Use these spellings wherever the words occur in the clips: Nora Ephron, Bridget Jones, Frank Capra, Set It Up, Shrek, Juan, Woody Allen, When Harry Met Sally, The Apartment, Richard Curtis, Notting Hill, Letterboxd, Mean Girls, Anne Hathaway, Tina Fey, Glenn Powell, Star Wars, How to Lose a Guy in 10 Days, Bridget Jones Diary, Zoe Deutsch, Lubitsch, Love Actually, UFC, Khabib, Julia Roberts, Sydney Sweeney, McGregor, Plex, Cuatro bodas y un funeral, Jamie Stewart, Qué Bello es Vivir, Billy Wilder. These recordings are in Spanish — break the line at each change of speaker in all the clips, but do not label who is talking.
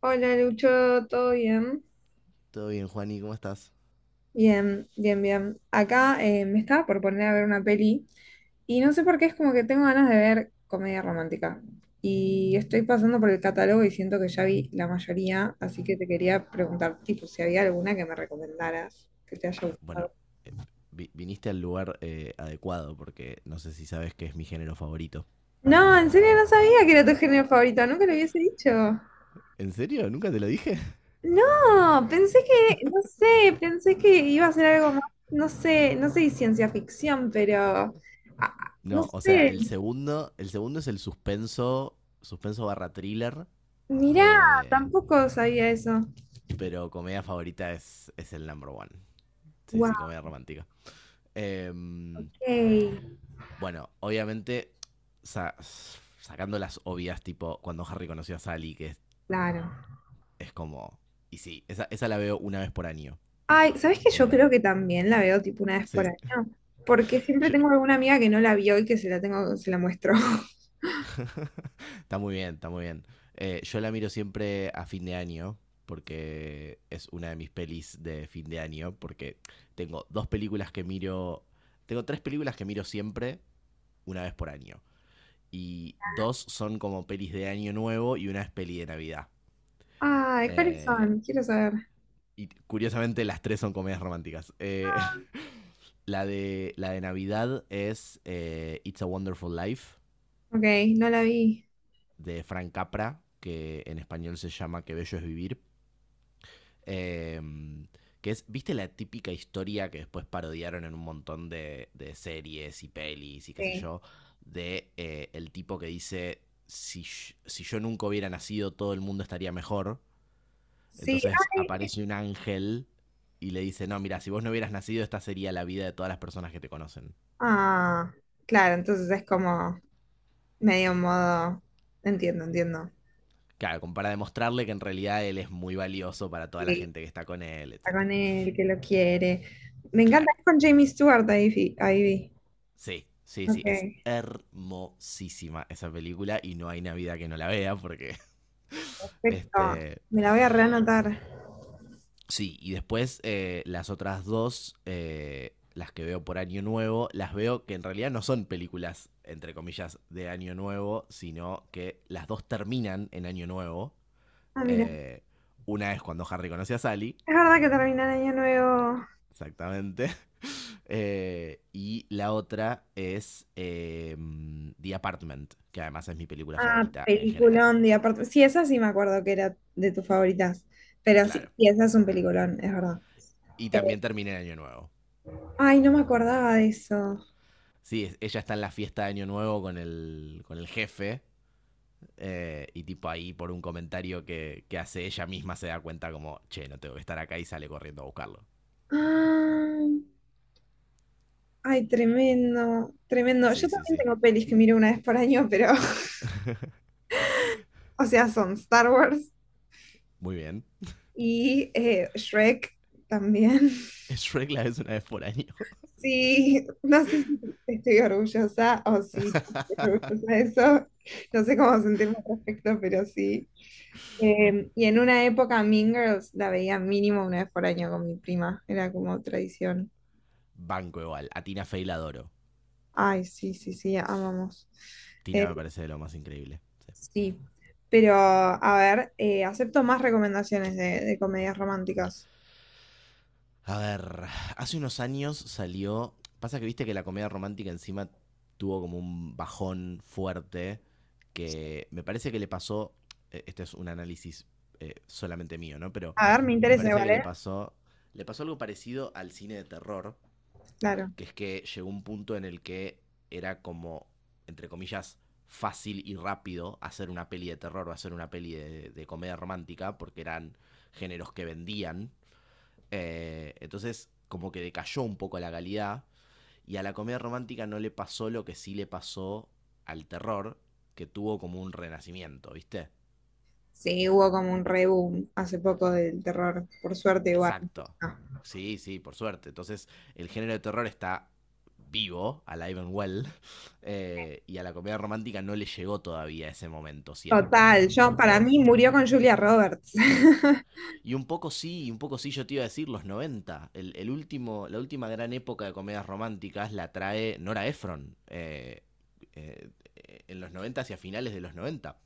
Hola Lucho, ¿todo bien?
Todo bien, Juani, ¿cómo estás?
Bien. Acá me estaba por poner a ver una peli y no sé por qué es como que tengo ganas de ver comedia romántica. Y estoy pasando por el catálogo y siento que ya vi la mayoría, así que te quería preguntar, tipo, si había alguna que me recomendaras que te haya
Bueno,
gustado.
viniste al lugar adecuado porque no sé si sabes que es mi género favorito.
No, en serio no sabía que era tu género favorito, nunca lo hubiese dicho.
¿En serio? ¿Nunca te lo dije?
No, pensé que, no sé, pensé que iba a ser algo más, no sé, no sé si ciencia ficción, pero no
No, o sea,
sé.
el segundo es el suspenso, suspenso barra thriller,
Mirá,
eh,
tampoco sabía eso.
pero comedia favorita es el number one. Sí,
Wow,
sí, comedia romántica. Em, bueno, obviamente, sacando las obvias, tipo cuando Harry conoció a Sally, que es,
claro.
es como... Y sí, esa la veo una vez por año.
Ay, ¿sabes qué? Yo creo
Eh,
que también la veo tipo una vez por
sí,
año, porque siempre
yo,
tengo alguna amiga que no la vio y que se la tengo, se la muestro.
está muy bien, está muy bien. Yo la miro siempre a fin de año, porque es una de mis pelis de fin de año, porque tengo dos películas que miro, tengo tres películas que miro siempre una vez por año. Y dos son como pelis de año nuevo y una es peli de Navidad.
Ay, ¿cuáles
Eh,
son? Quiero saber.
y curiosamente las tres son comedias románticas. La de Navidad es It's a Wonderful Life,
Ok, no la vi.
de Frank Capra, que en español se llama Qué Bello es Vivir. Eh, que es, ¿viste la típica historia que después parodiaron en un montón de series y pelis y qué sé
Sí.
yo? De el tipo que dice, si, si yo nunca hubiera nacido, todo el mundo estaría mejor.
Sí,
Entonces
ay,
aparece un ángel y le dice, no, mira, si vos no hubieras nacido, esta sería la vida de todas las personas que te conocen.
ah, claro, entonces es como. Medio modo. Entiendo, entiendo.
Claro, como para demostrarle que en realidad él es muy valioso para toda la
Sí,
gente que está con él,
está con
etcétera.
él, que lo quiere. Me encanta,
Claro.
es con Jamie Stewart, ahí, ahí vi.
Sí, sí, sí,
Ok,
es hermosísima esa película y no hay Navidad que no la vea porque...
perfecto.
este,
Me la voy a reanotar.
sí, y después las otras dos, las que veo por Año Nuevo, las veo que en realidad no son películas, entre comillas, de Año Nuevo, sino que las dos terminan en Año Nuevo.
Ah, mira,
Eh, una es cuando Harry conoce a Sally,
es verdad que termina el año nuevo.
exactamente, y la otra es The Apartment, que además es mi película
Ah,
favorita en general.
peliculón, y aparte, sí, esa sí me acuerdo que era de tus favoritas, pero
Claro.
sí, sí, esa es un peliculón, es verdad.
Y
Eh,
también termina el año nuevo.
ay, no me acordaba de eso.
Sí, ella está en la fiesta de año nuevo con el jefe. Y tipo ahí por un comentario que hace ella misma se da cuenta como, che, no tengo que estar acá y sale corriendo a buscarlo.
Ah, ay, tremendo, tremendo. Yo
Sí, sí,
también
sí.
tengo pelis que miro una vez por año, pero o sea, son Star Wars
Muy bien.
y Shrek también.
Shrek la ves una vez por año.
Sí, no sé si estoy orgullosa o si no estoy orgullosa de eso. No sé cómo sentirme al respecto, pero sí. Y en una época Mean Girls la veía mínimo una vez por año con mi prima. Era como tradición.
Banco igual. A Tina Fey la adoro.
Ay, sí, sí, sí, amamos. Eh,
Tina me parece de lo más increíble.
sí, pero a ver, acepto más recomendaciones de comedias románticas.
A ver, hace unos años salió. Pasa que viste que la comedia romántica encima tuvo como un bajón fuerte que me parece que le pasó. Este es un análisis solamente mío, ¿no? Pero
A ver, me
me
interesa,
parece que le
¿vale?
pasó. Le pasó algo parecido al cine de terror,
Claro.
que es que llegó un punto en el que era como, entre comillas, fácil y rápido hacer una peli de terror o hacer una peli de comedia romántica, porque eran géneros que vendían, entonces, como que decayó un poco la calidad. Y a la comedia romántica no le pasó lo que sí le pasó al terror, que tuvo como un renacimiento, ¿viste?
Sí, hubo como un reboom hace poco del terror, por suerte igual.
Exacto.
Ah,
Sí, sí, por suerte. Entonces, el género de terror está vivo, alive and well. Y a la comedia romántica no le llegó todavía ese momento, siento.
total, yo para
Porque...
mí murió con Julia Roberts.
Y un poco sí, y un poco sí yo te iba a decir los noventa. El último, la última gran época de comedias románticas la trae Nora Ephron, eh, en los 90, hacia finales de los noventa.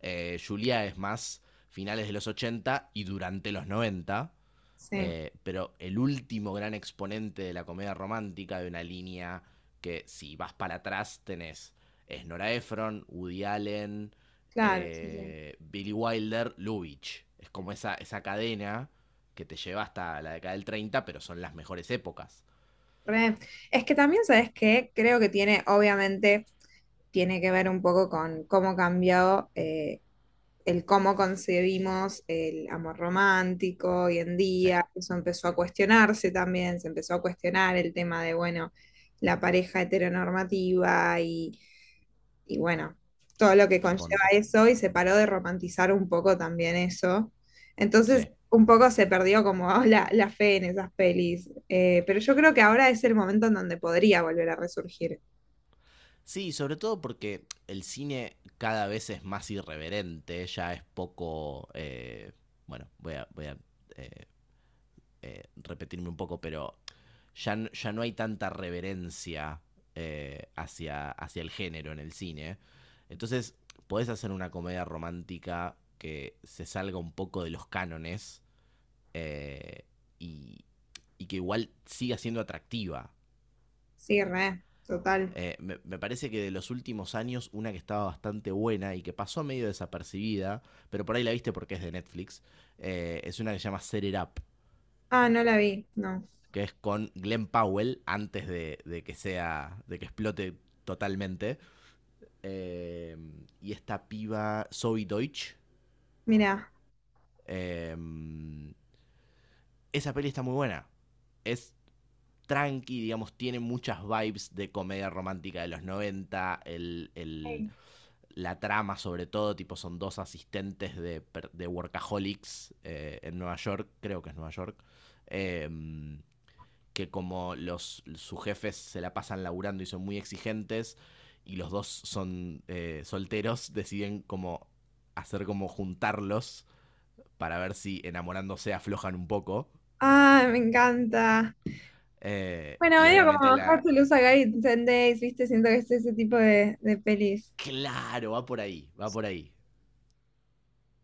Julia es más finales de los 80 y durante los noventa,
Sí,
pero el último gran exponente de la comedia romántica de una línea que si vas para atrás tenés es Nora Ephron, Woody Allen,
claro, sí, sí.
Billy Wilder, Lubitsch. Es como esa cadena que te lleva hasta la década del treinta, pero son las mejores épocas.
Re. Es que también, ¿sabes qué? Creo que tiene, obviamente, tiene que ver un poco con cómo ha cambiado el cómo concebimos el amor romántico hoy en
Sí,
día. Eso empezó a cuestionarse también, se empezó a cuestionar el tema de, bueno, la pareja heteronormativa y bueno, todo lo que conlleva
recontra.
eso y se paró de romantizar un poco también eso. Entonces
Sí.
un poco se perdió como la fe en esas pelis. Pero yo creo que ahora es el momento en donde podría volver a resurgir.
Sí, sobre todo porque el cine cada vez es más irreverente, ya es poco... bueno, eh, repetirme un poco, pero ya no hay tanta reverencia, hacia, hacia el género en el cine. Entonces, podés hacer una comedia romántica que se salga un poco de los cánones, eh, y, y que igual siga siendo atractiva.
Sí, re, total.
Me parece que de los últimos años, una que estaba bastante buena y que pasó medio desapercibida, pero por ahí la viste porque es de Netflix, es una que se llama Set It Up,
Ah, no la vi, no.
que es con Glenn Powell antes de que sea, de que explote totalmente. Eh, y esta piba Zoe Deutsch,
Mira.
eh, esa peli está muy buena. Es tranqui, digamos, tiene muchas vibes de comedia romántica de los noventa, el la trama sobre todo, tipo son dos asistentes de workaholics en Nueva York, creo que es Nueva York, eh, que como los, sus jefes se la pasan laburando y son muy exigentes y los dos son solteros, deciden como hacer como juntarlos para ver si enamorándose aflojan un poco.
Ah, me encanta. Bueno,
Y
medio como
obviamente
How
la...
to Lose a Guy in 10 Days, ¿viste? Siento que es ese tipo de pelis.
Claro, va por ahí, va por ahí.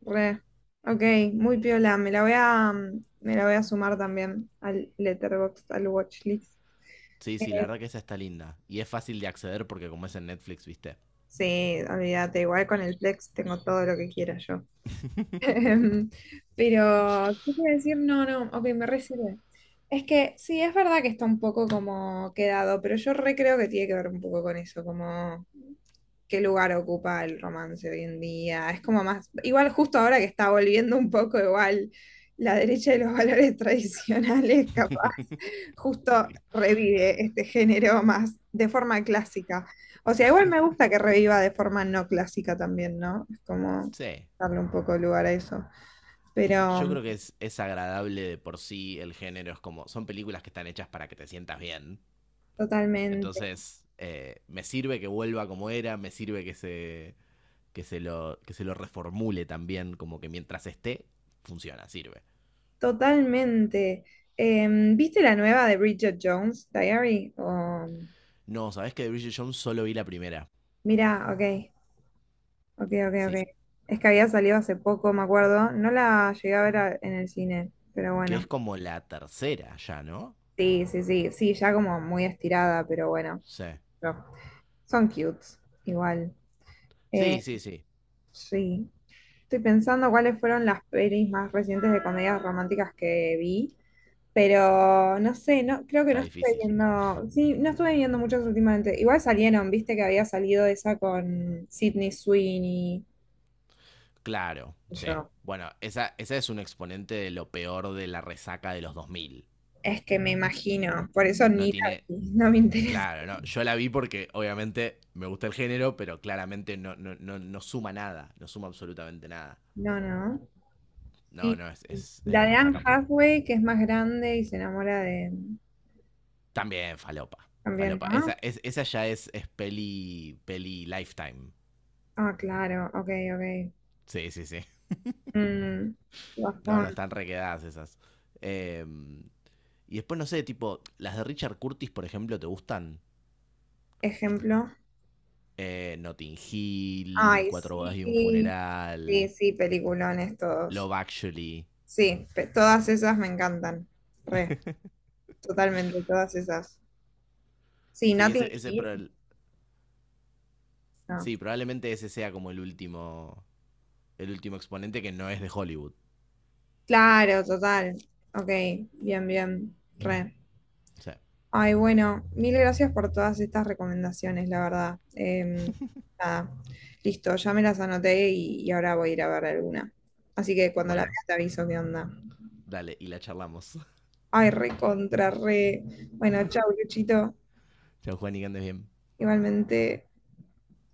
Re. Ok, muy piola. Me la voy a, me la voy a sumar también al Letterboxd, al watchlist.
Sí, sí, la
Eh,
verdad que esa está linda. Y es fácil de acceder porque como es en Netflix, viste.
sí, olvídate, igual con el Plex tengo todo lo que quiera yo. Em, Pero, ¿qué quiero decir? No, no, ok, me re sirve. Es que sí, es verdad que está un poco como quedado, pero yo re creo que tiene que ver un poco con eso, como qué lugar ocupa el romance hoy en día. Es como más, igual justo ahora que está volviendo un poco igual la derecha de los valores tradicionales, justo revive este género más de forma clásica. O sea, igual me gusta que reviva de forma no clásica también, ¿no? Es como
Sí,
darle un poco de lugar a eso. Pero
yo creo que es agradable de por sí el género. Es como, son películas que están hechas para que te sientas bien.
totalmente,
Entonces, me sirve que vuelva como era, me sirve que se lo reformule también, como que mientras esté, funciona, sirve.
totalmente. ¿Viste la nueva de Bridget Jones Diary? O-
No, ¿sabés que de Bridget Jones solo vi la primera?
Mira, ok, ok, ok,
Sí,
ok. Es que había salido hace poco, me acuerdo. No la llegué a ver en el cine, pero
que
bueno.
es como la tercera ya, ¿no?
Sí, sí, sí, sí, ya como muy estirada, pero bueno.
Sí.
Son cutes, igual.
Sí,
Eh,
sí, sí.
sí. Estoy pensando cuáles fueron las pelis más recientes de comedias románticas que vi, pero no sé, no, creo que
Está
no estuve
difícil.
viendo, sí, no estuve viendo muchas últimamente. Igual salieron, viste que había salido esa con Sydney Sweeney.
Claro,
Y
sí.
yo,
Bueno, esa es un exponente de lo peor de la resaca de los dos mil.
es que me imagino, por eso
No
ni
tiene...
la vi, no me interesa.
Claro, no, yo la vi porque obviamente me gusta el género, pero claramente no, no, no, no suma nada, no suma absolutamente nada.
No, no.
No,
Y
no,
la
es
de Anne
resaca pura.
Hathaway, que es más grande y se enamora de...
También falopa,
También,
falopa.
¿no?
Esa, es, esa ya es peli, peli lifetime.
Ah, claro, ok, ok.
Sí, sí, sí.
Mm,
No, no,
bajón.
están requedadas esas. Eh, y después, no sé, tipo, las de Richard Curtis, por ejemplo, ¿te gustan?
Ejemplo.
Notting Hill,
Ay,
Cuatro bodas y un
sí. Sí,
funeral,
sí, peliculones todos.
Love Actually.
Sí, todas esas me encantan. Re, totalmente, todas esas. Sí,
Sí,
Notting
ese,
Hill. No.
sí, probablemente ese sea como el último exponente que no es de Hollywood.
Claro, total. Ok, bien, bien. Re.
O sea...
Ay, bueno, mil gracias por todas estas recomendaciones, la verdad. Nada, listo, ya me las anoté y ahora voy a ir a ver alguna. Así que cuando la vea
Bueno,
te aviso qué onda.
dale, y la charlamos.
Ay, re contra, re. Bueno, chau, Luchito.
Chao, Juan, y que andes bien.
Igualmente.